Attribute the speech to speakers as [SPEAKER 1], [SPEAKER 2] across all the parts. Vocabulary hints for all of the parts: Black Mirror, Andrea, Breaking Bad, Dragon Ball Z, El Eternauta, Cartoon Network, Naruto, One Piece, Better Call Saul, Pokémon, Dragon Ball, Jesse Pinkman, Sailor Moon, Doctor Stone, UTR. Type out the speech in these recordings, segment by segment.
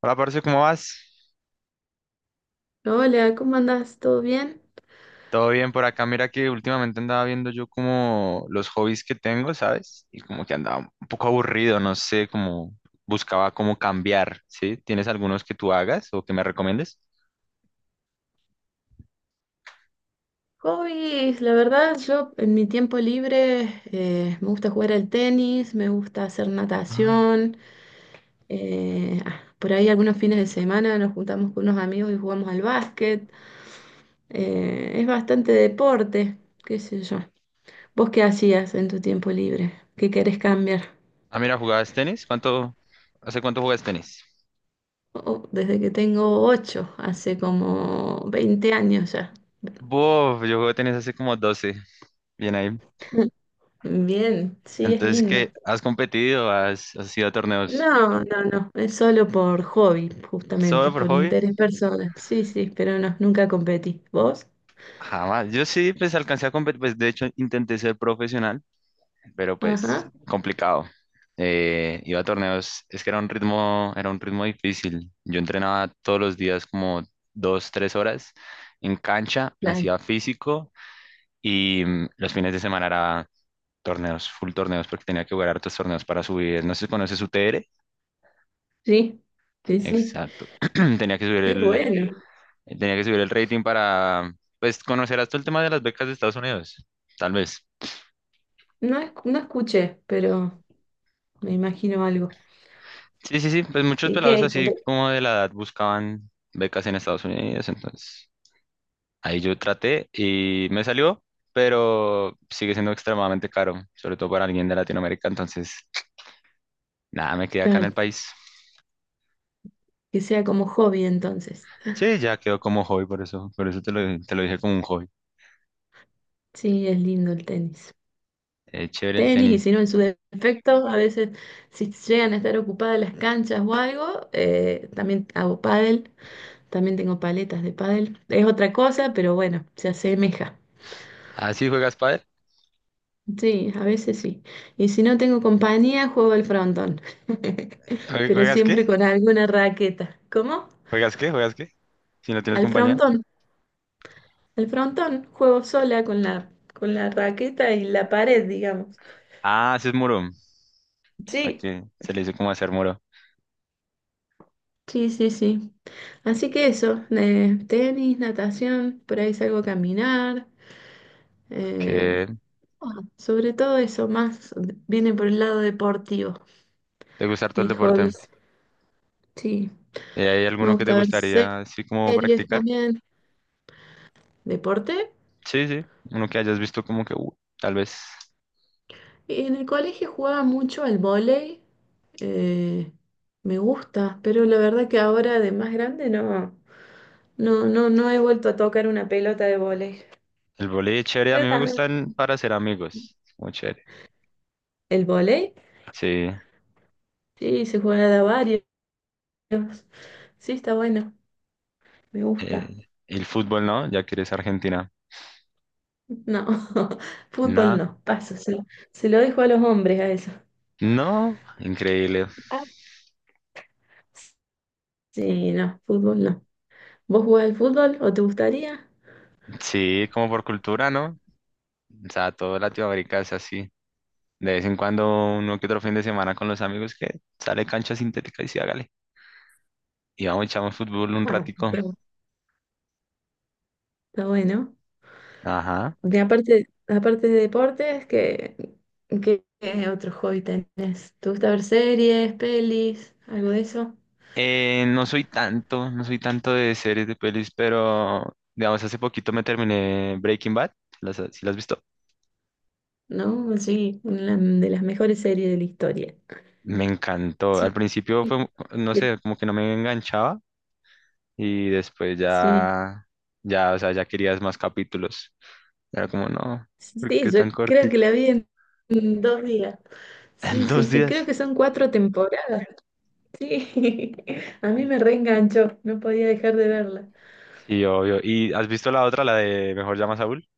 [SPEAKER 1] Hola, parce, ¿cómo vas?
[SPEAKER 2] Hola, ¿cómo andás? ¿Todo bien?
[SPEAKER 1] Todo bien por acá. Mira que últimamente andaba viendo yo como los hobbies que tengo, ¿sabes? Y como que andaba un poco aburrido, no sé, como buscaba cómo cambiar, ¿sí? ¿Tienes algunos que tú hagas o que me recomiendes?
[SPEAKER 2] Hobbies, la verdad, yo en mi tiempo libre me gusta jugar al tenis, me gusta hacer
[SPEAKER 1] Ah.
[SPEAKER 2] natación. Por ahí algunos fines de semana nos juntamos con unos amigos y jugamos al básquet. Es bastante deporte, qué sé yo. ¿Vos qué hacías en tu tiempo libre? ¿Qué querés cambiar?
[SPEAKER 1] Ah, mira, ¿jugabas tenis? Hace cuánto juegas tenis?
[SPEAKER 2] Oh, Desde que tengo ocho, hace como 20 años ya.
[SPEAKER 1] Bof, yo juego tenis hace como 12, bien ahí.
[SPEAKER 2] Bien, sí, es
[SPEAKER 1] Entonces,
[SPEAKER 2] lindo.
[SPEAKER 1] ¿qué? ¿Has competido? ¿Has ido a torneos?
[SPEAKER 2] No, no, no, es solo por hobby, justamente,
[SPEAKER 1] ¿Solo por
[SPEAKER 2] por
[SPEAKER 1] hobby?
[SPEAKER 2] interés personal. Sí, sí, pero no, nunca competí. ¿Vos?
[SPEAKER 1] Jamás. Yo sí, pues alcancé a competir, pues de hecho intenté ser profesional, pero pues
[SPEAKER 2] Ajá,
[SPEAKER 1] complicado. Iba a torneos, es que era un ritmo difícil. Yo entrenaba todos los días como 2, 3 horas en cancha,
[SPEAKER 2] claro.
[SPEAKER 1] hacía físico y los fines de semana era torneos, full torneos, porque tenía que jugar hartos torneos para subir. No sé si conoces UTR.
[SPEAKER 2] Sí, sí, sí.
[SPEAKER 1] Exacto. Tenía que subir
[SPEAKER 2] Qué
[SPEAKER 1] el,
[SPEAKER 2] bueno.
[SPEAKER 1] tenía que subir el rating para, pues, conocer hasta el tema de las becas de Estados Unidos, tal vez.
[SPEAKER 2] No, no escuché, pero me imagino algo.
[SPEAKER 1] Sí, sí, sí, pues muchos
[SPEAKER 2] ¿De
[SPEAKER 1] pelados
[SPEAKER 2] qué?
[SPEAKER 1] así como de la edad buscaban becas en Estados Unidos, entonces ahí yo traté y me salió, pero sigue siendo extremadamente caro, sobre todo para alguien de Latinoamérica, entonces nada, me quedé acá en el
[SPEAKER 2] Claro,
[SPEAKER 1] país.
[SPEAKER 2] que sea como hobby entonces.
[SPEAKER 1] Sí, ya quedó como hobby, por eso, te lo dije como un hobby.
[SPEAKER 2] Sí, es lindo el tenis.
[SPEAKER 1] Chévere el
[SPEAKER 2] Tenis, y
[SPEAKER 1] tenis.
[SPEAKER 2] si no, en su defecto, a veces si llegan a estar ocupadas las canchas o algo, también hago pádel. También tengo paletas de pádel. Es otra cosa, pero bueno, se asemeja.
[SPEAKER 1] Ah, sí, ¿juegas pádel?
[SPEAKER 2] Sí, a veces sí. Y si no tengo compañía, juego al frontón. Pero
[SPEAKER 1] ¿Juegas
[SPEAKER 2] siempre
[SPEAKER 1] qué?
[SPEAKER 2] con alguna raqueta. ¿Cómo?
[SPEAKER 1] ¿Juegas qué? ¿Juegas qué? Si no tienes
[SPEAKER 2] Al
[SPEAKER 1] compañía.
[SPEAKER 2] frontón. Al frontón. Juego sola con la raqueta y la pared, digamos.
[SPEAKER 1] Ah, haces muro.
[SPEAKER 2] Sí,
[SPEAKER 1] Aquí se le dice como hacer muro.
[SPEAKER 2] sí, sí, sí. Así que eso, tenis, natación, por ahí salgo a caminar. eh,
[SPEAKER 1] ¿Qué?
[SPEAKER 2] Sobre todo eso, más viene por el lado deportivo,
[SPEAKER 1] ¿Te gusta todo el
[SPEAKER 2] mis
[SPEAKER 1] deporte?
[SPEAKER 2] hobbies. Sí,
[SPEAKER 1] ¿Y hay
[SPEAKER 2] me
[SPEAKER 1] alguno que te
[SPEAKER 2] gusta ver
[SPEAKER 1] gustaría así como
[SPEAKER 2] series
[SPEAKER 1] practicar?
[SPEAKER 2] también, deporte.
[SPEAKER 1] Sí, sí, uno que hayas visto como que tal vez
[SPEAKER 2] Y en el colegio jugaba mucho al vóley, eh, me gusta, pero la verdad que ahora de más grande no, no, no, no he vuelto a tocar una pelota de vóley.
[SPEAKER 1] el voleibol es chévere, a mí
[SPEAKER 2] Pero
[SPEAKER 1] me
[SPEAKER 2] también
[SPEAKER 1] gustan para hacer amigos, es muy chévere.
[SPEAKER 2] el vóley,
[SPEAKER 1] Sí,
[SPEAKER 2] sí, se juega de a varios. Sí, está bueno, me gusta.
[SPEAKER 1] el fútbol no, ya que eres argentina.
[SPEAKER 2] No, fútbol
[SPEAKER 1] No,
[SPEAKER 2] no, paso, se lo dejo a los hombres a eso.
[SPEAKER 1] no, increíble.
[SPEAKER 2] Ah, sí, no, fútbol no. ¿Vos jugás al fútbol o te gustaría?
[SPEAKER 1] Sí, como por cultura, ¿no? O sea, todo Latinoamérica es así. De vez en cuando, uno que otro fin de semana con los amigos que sale cancha sintética y sí, hágale. Y vamos, echamos fútbol un
[SPEAKER 2] Ah,
[SPEAKER 1] ratico.
[SPEAKER 2] está Está bueno.
[SPEAKER 1] Ajá.
[SPEAKER 2] Porque aparte, aparte de deportes, ¿qué otro hobby tenés? ¿Te gusta ver series, pelis, algo de eso?
[SPEAKER 1] No soy tanto, no soy tanto de series de pelis, pero digamos, hace poquito me terminé Breaking Bad, ¿sí las has visto?
[SPEAKER 2] ¿No? Sí, una de las mejores series de la historia.
[SPEAKER 1] Me encantó. Al
[SPEAKER 2] Sí,
[SPEAKER 1] principio fue, no
[SPEAKER 2] que-
[SPEAKER 1] sé, como que no me enganchaba y después
[SPEAKER 2] sí,
[SPEAKER 1] ya, ya, o sea, ya querías más capítulos. Era como, no, porque
[SPEAKER 2] sí,
[SPEAKER 1] es
[SPEAKER 2] yo
[SPEAKER 1] tan
[SPEAKER 2] creo que
[SPEAKER 1] cortico.
[SPEAKER 2] la vi en 2 días.
[SPEAKER 1] En
[SPEAKER 2] Sí, sí,
[SPEAKER 1] dos
[SPEAKER 2] sí,
[SPEAKER 1] días.
[SPEAKER 2] creo que son cuatro temporadas. Sí, a mí me reenganchó, no podía dejar de verla.
[SPEAKER 1] Sí, obvio. ¿Y has visto la otra, la de Mejor llama a Saúl?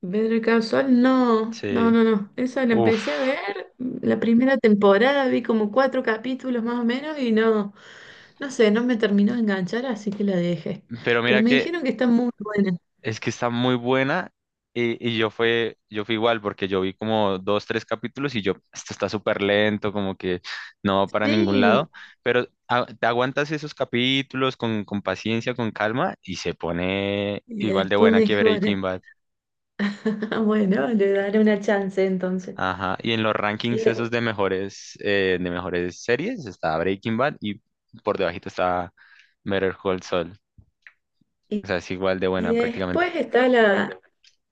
[SPEAKER 2] Better Call Saul, no, no,
[SPEAKER 1] Sí.
[SPEAKER 2] no, no. Esa la
[SPEAKER 1] Uf.
[SPEAKER 2] empecé a ver, la primera temporada vi como cuatro capítulos más o menos y no, no sé, no me terminó de enganchar, así que la dejé.
[SPEAKER 1] Pero
[SPEAKER 2] Pero
[SPEAKER 1] mira
[SPEAKER 2] me
[SPEAKER 1] que
[SPEAKER 2] dijeron que está muy buena.
[SPEAKER 1] Es que está muy buena y yo fui igual porque yo vi como 2, 3 capítulos y yo, esto está súper lento, como que no va para ningún
[SPEAKER 2] Sí,
[SPEAKER 1] lado, pero te aguantas esos capítulos con paciencia, con calma y se pone
[SPEAKER 2] y
[SPEAKER 1] igual de
[SPEAKER 2] después
[SPEAKER 1] buena que
[SPEAKER 2] mejora.
[SPEAKER 1] Breaking Bad.
[SPEAKER 2] Bueno, le daré una chance entonces.
[SPEAKER 1] Ajá, y en los
[SPEAKER 2] Y,
[SPEAKER 1] rankings
[SPEAKER 2] de-
[SPEAKER 1] esos de mejores series está Breaking Bad y por debajito está Better Call Saul.
[SPEAKER 2] y-
[SPEAKER 1] O sea, es igual de
[SPEAKER 2] y
[SPEAKER 1] buena prácticamente.
[SPEAKER 2] después está la,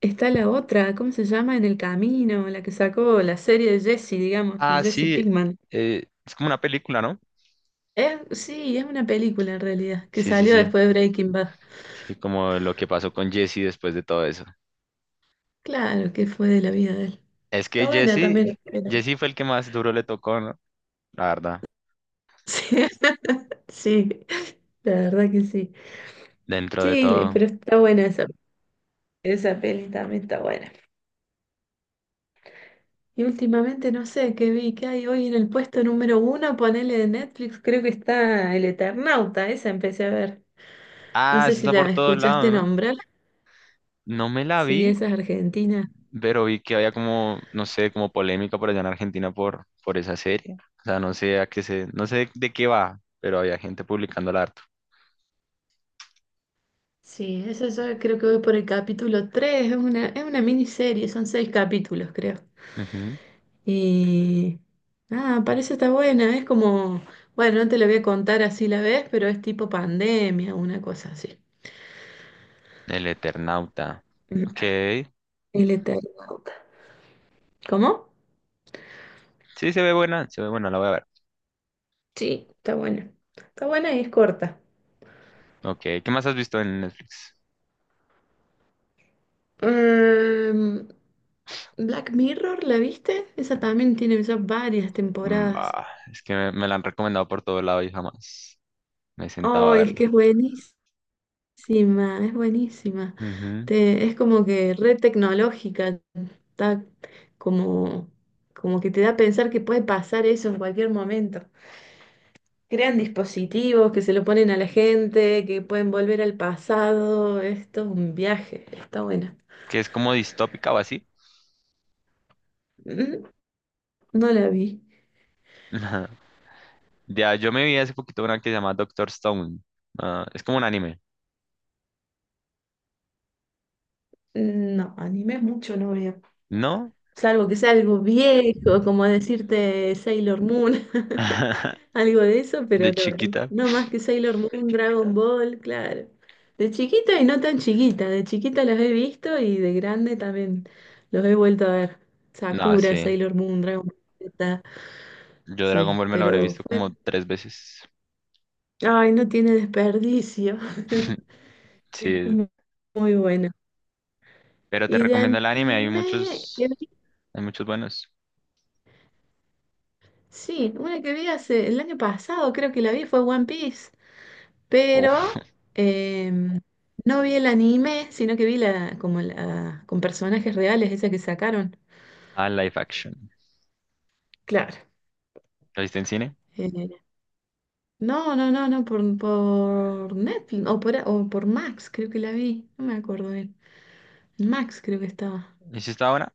[SPEAKER 2] está la otra, ¿cómo se llama? En el camino, la que sacó la serie de Jesse, digamos, de
[SPEAKER 1] Ah,
[SPEAKER 2] Jesse
[SPEAKER 1] sí,
[SPEAKER 2] Pinkman.
[SPEAKER 1] es como una película, ¿no?
[SPEAKER 2] Sí, es una película en realidad, que
[SPEAKER 1] Sí, sí,
[SPEAKER 2] salió
[SPEAKER 1] sí.
[SPEAKER 2] después de Breaking Bad.
[SPEAKER 1] Sí, como lo que pasó con Jesse después de todo eso.
[SPEAKER 2] Claro, que fue de la vida de él.
[SPEAKER 1] Es
[SPEAKER 2] Está
[SPEAKER 1] que
[SPEAKER 2] buena
[SPEAKER 1] Jesse,
[SPEAKER 2] también, pero
[SPEAKER 1] Jesse fue el que más duro le tocó, ¿no? La verdad,
[SPEAKER 2] sí, sí, la verdad que sí.
[SPEAKER 1] dentro de
[SPEAKER 2] Sí,
[SPEAKER 1] todo.
[SPEAKER 2] pero está buena esa, esa peli también está buena. Y últimamente no sé qué vi, qué hay hoy en el puesto número uno, ponele de Netflix, creo que está El Eternauta, esa empecé a ver. No
[SPEAKER 1] Ah,
[SPEAKER 2] sé
[SPEAKER 1] eso
[SPEAKER 2] si
[SPEAKER 1] está por
[SPEAKER 2] la
[SPEAKER 1] todo lado,
[SPEAKER 2] escuchaste
[SPEAKER 1] ¿no?
[SPEAKER 2] nombrar,
[SPEAKER 1] No me la vi,
[SPEAKER 2] sí, esa es argentina.
[SPEAKER 1] pero vi que había como, no sé, como polémica por allá en Argentina por esa serie. O sea, no sé a qué se, no sé de qué va, pero había gente publicándola harto.
[SPEAKER 2] Sí, eso yo creo que voy por el capítulo 3. Es una miniserie, son seis capítulos, creo.
[SPEAKER 1] Ujú.
[SPEAKER 2] Y parece está buena, es como, bueno, no te la voy a contar así la ves, pero es tipo pandemia, una cosa así.
[SPEAKER 1] El Eternauta.
[SPEAKER 2] Mm.
[SPEAKER 1] Ok.
[SPEAKER 2] El Eternauta. ¿Cómo?
[SPEAKER 1] Sí, se ve buena, la voy a ver.
[SPEAKER 2] Sí, está buena. Está buena y es corta.
[SPEAKER 1] Ok, ¿qué más has visto en Netflix?
[SPEAKER 2] Em, Black Mirror, ¿la viste? Esa también tiene ya varias temporadas.
[SPEAKER 1] Bah, es que me la han recomendado por todo lado y jamás me sentaba a
[SPEAKER 2] Oh, es que
[SPEAKER 1] verla.
[SPEAKER 2] es buenísima. Sí, ma, es buenísima.
[SPEAKER 1] Ujú.
[SPEAKER 2] Te, es como que red tecnológica, está como, como que te da a pensar que puede pasar eso en cualquier momento. Crean dispositivos que se lo ponen a la gente, que pueden volver al pasado. Esto es un viaje, está buena.
[SPEAKER 1] Que es como distópica o así.
[SPEAKER 2] Mm. No la vi.
[SPEAKER 1] Ya, yo me vi hace poquito una que se llama Doctor Stone. Ah, es como un anime.
[SPEAKER 2] No, anime mucho no veo.
[SPEAKER 1] ¿No?
[SPEAKER 2] Salvo que sea algo viejo, como decirte Sailor Moon, algo de eso,
[SPEAKER 1] De
[SPEAKER 2] pero no,
[SPEAKER 1] chiquita.
[SPEAKER 2] no más que Sailor Moon, Dragon Ball, claro. De chiquita y no tan chiquita, de chiquita los he visto y de grande también los he vuelto a ver.
[SPEAKER 1] No,
[SPEAKER 2] Sakura,
[SPEAKER 1] sí.
[SPEAKER 2] Sailor Moon, Dragon Ball Z,
[SPEAKER 1] Yo Dragon
[SPEAKER 2] sí,
[SPEAKER 1] Ball me lo habré visto como tres veces.
[SPEAKER 2] ay, no tiene desperdicio. Es
[SPEAKER 1] Sí.
[SPEAKER 2] muy, muy bueno.
[SPEAKER 1] Pero te
[SPEAKER 2] Y de
[SPEAKER 1] recomiendo el anime.
[SPEAKER 2] anime,
[SPEAKER 1] Hay muchos buenos.
[SPEAKER 2] sí, una que vi hace el año pasado, creo que la vi, fue One Piece.
[SPEAKER 1] Uf.
[SPEAKER 2] pero em, no vi el anime, sino que vi con personajes reales, esa que sacaron.
[SPEAKER 1] Ah, live action.
[SPEAKER 2] Claro.
[SPEAKER 1] ¿Lo viste en cine?
[SPEAKER 2] Eh, no, no, no, no, por Netflix o por Max, creo que la vi, no me acuerdo bien. En Max creo que estaba.
[SPEAKER 1] ¿Hiciste ahora?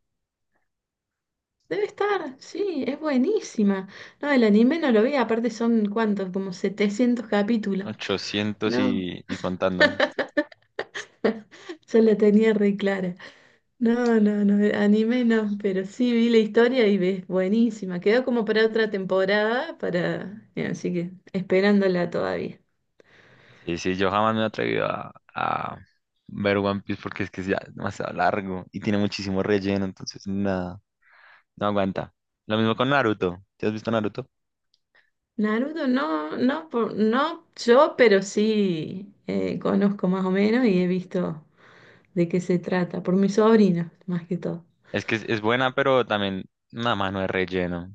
[SPEAKER 2] Debe estar, sí, es buenísima. No, el anime no lo vi, aparte son cuántos, como 700 capítulos.
[SPEAKER 1] 800
[SPEAKER 2] No,
[SPEAKER 1] y contando.
[SPEAKER 2] yo la tenía re clara. No, no, no, anime no, pero sí vi la historia y ves, buenísima. Quedó como para otra temporada, así que esperándola todavía.
[SPEAKER 1] Sí, sí, yo jamás me he atrevido a ver One Piece porque es que es ya demasiado largo y tiene muchísimo relleno, entonces nada, no aguanta. Lo mismo con Naruto. ¿Te has visto Naruto?
[SPEAKER 2] Naruto no, no, no yo, pero sí conozco más o menos y he visto de qué se trata, por mis sobrinos, más que todo.
[SPEAKER 1] Es que es buena, pero también nada más no es relleno.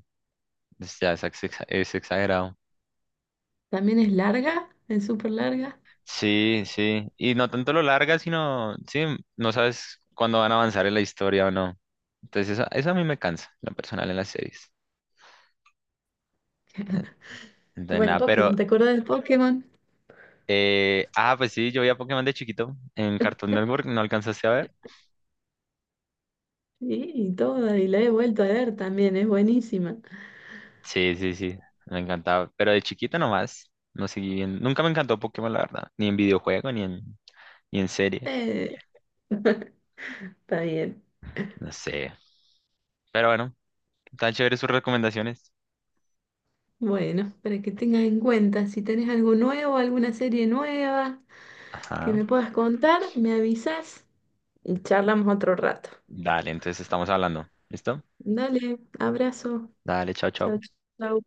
[SPEAKER 1] Es, ya es, es exagerado.
[SPEAKER 2] También es larga, es súper larga.
[SPEAKER 1] Sí, sí. Y no tanto lo larga, sino, sí, no sabes cuándo van a avanzar en la historia o no. Entonces eso a mí me cansa, lo personal en las series. Eh, Entonces
[SPEAKER 2] Bueno,
[SPEAKER 1] nada, pero
[SPEAKER 2] Pokémon, ¿te acuerdas del Pokémon?
[SPEAKER 1] Ah, Pues sí, yo veía Pokémon de chiquito en Cartoon Network, ¿no alcanzaste a ver?
[SPEAKER 2] Sí, y toda, y la he vuelto a ver también, es buenísima.
[SPEAKER 1] Sí, sí, sí, me encantaba, pero de chiquito nomás, no, seguí bien, nunca me encantó Pokémon, la verdad, ni en videojuego, ni en serie,
[SPEAKER 2] Eh, está bien.
[SPEAKER 1] no sé, pero bueno, tan chévere sus recomendaciones.
[SPEAKER 2] Bueno, para que tengas en cuenta, si tenés algo nuevo, alguna serie nueva que
[SPEAKER 1] Ajá,
[SPEAKER 2] me puedas contar, me avisas y charlamos otro rato.
[SPEAKER 1] dale, entonces estamos hablando, ¿listo?
[SPEAKER 2] Dale, abrazo.
[SPEAKER 1] Dale, chao,
[SPEAKER 2] Chao,
[SPEAKER 1] chao.
[SPEAKER 2] chao.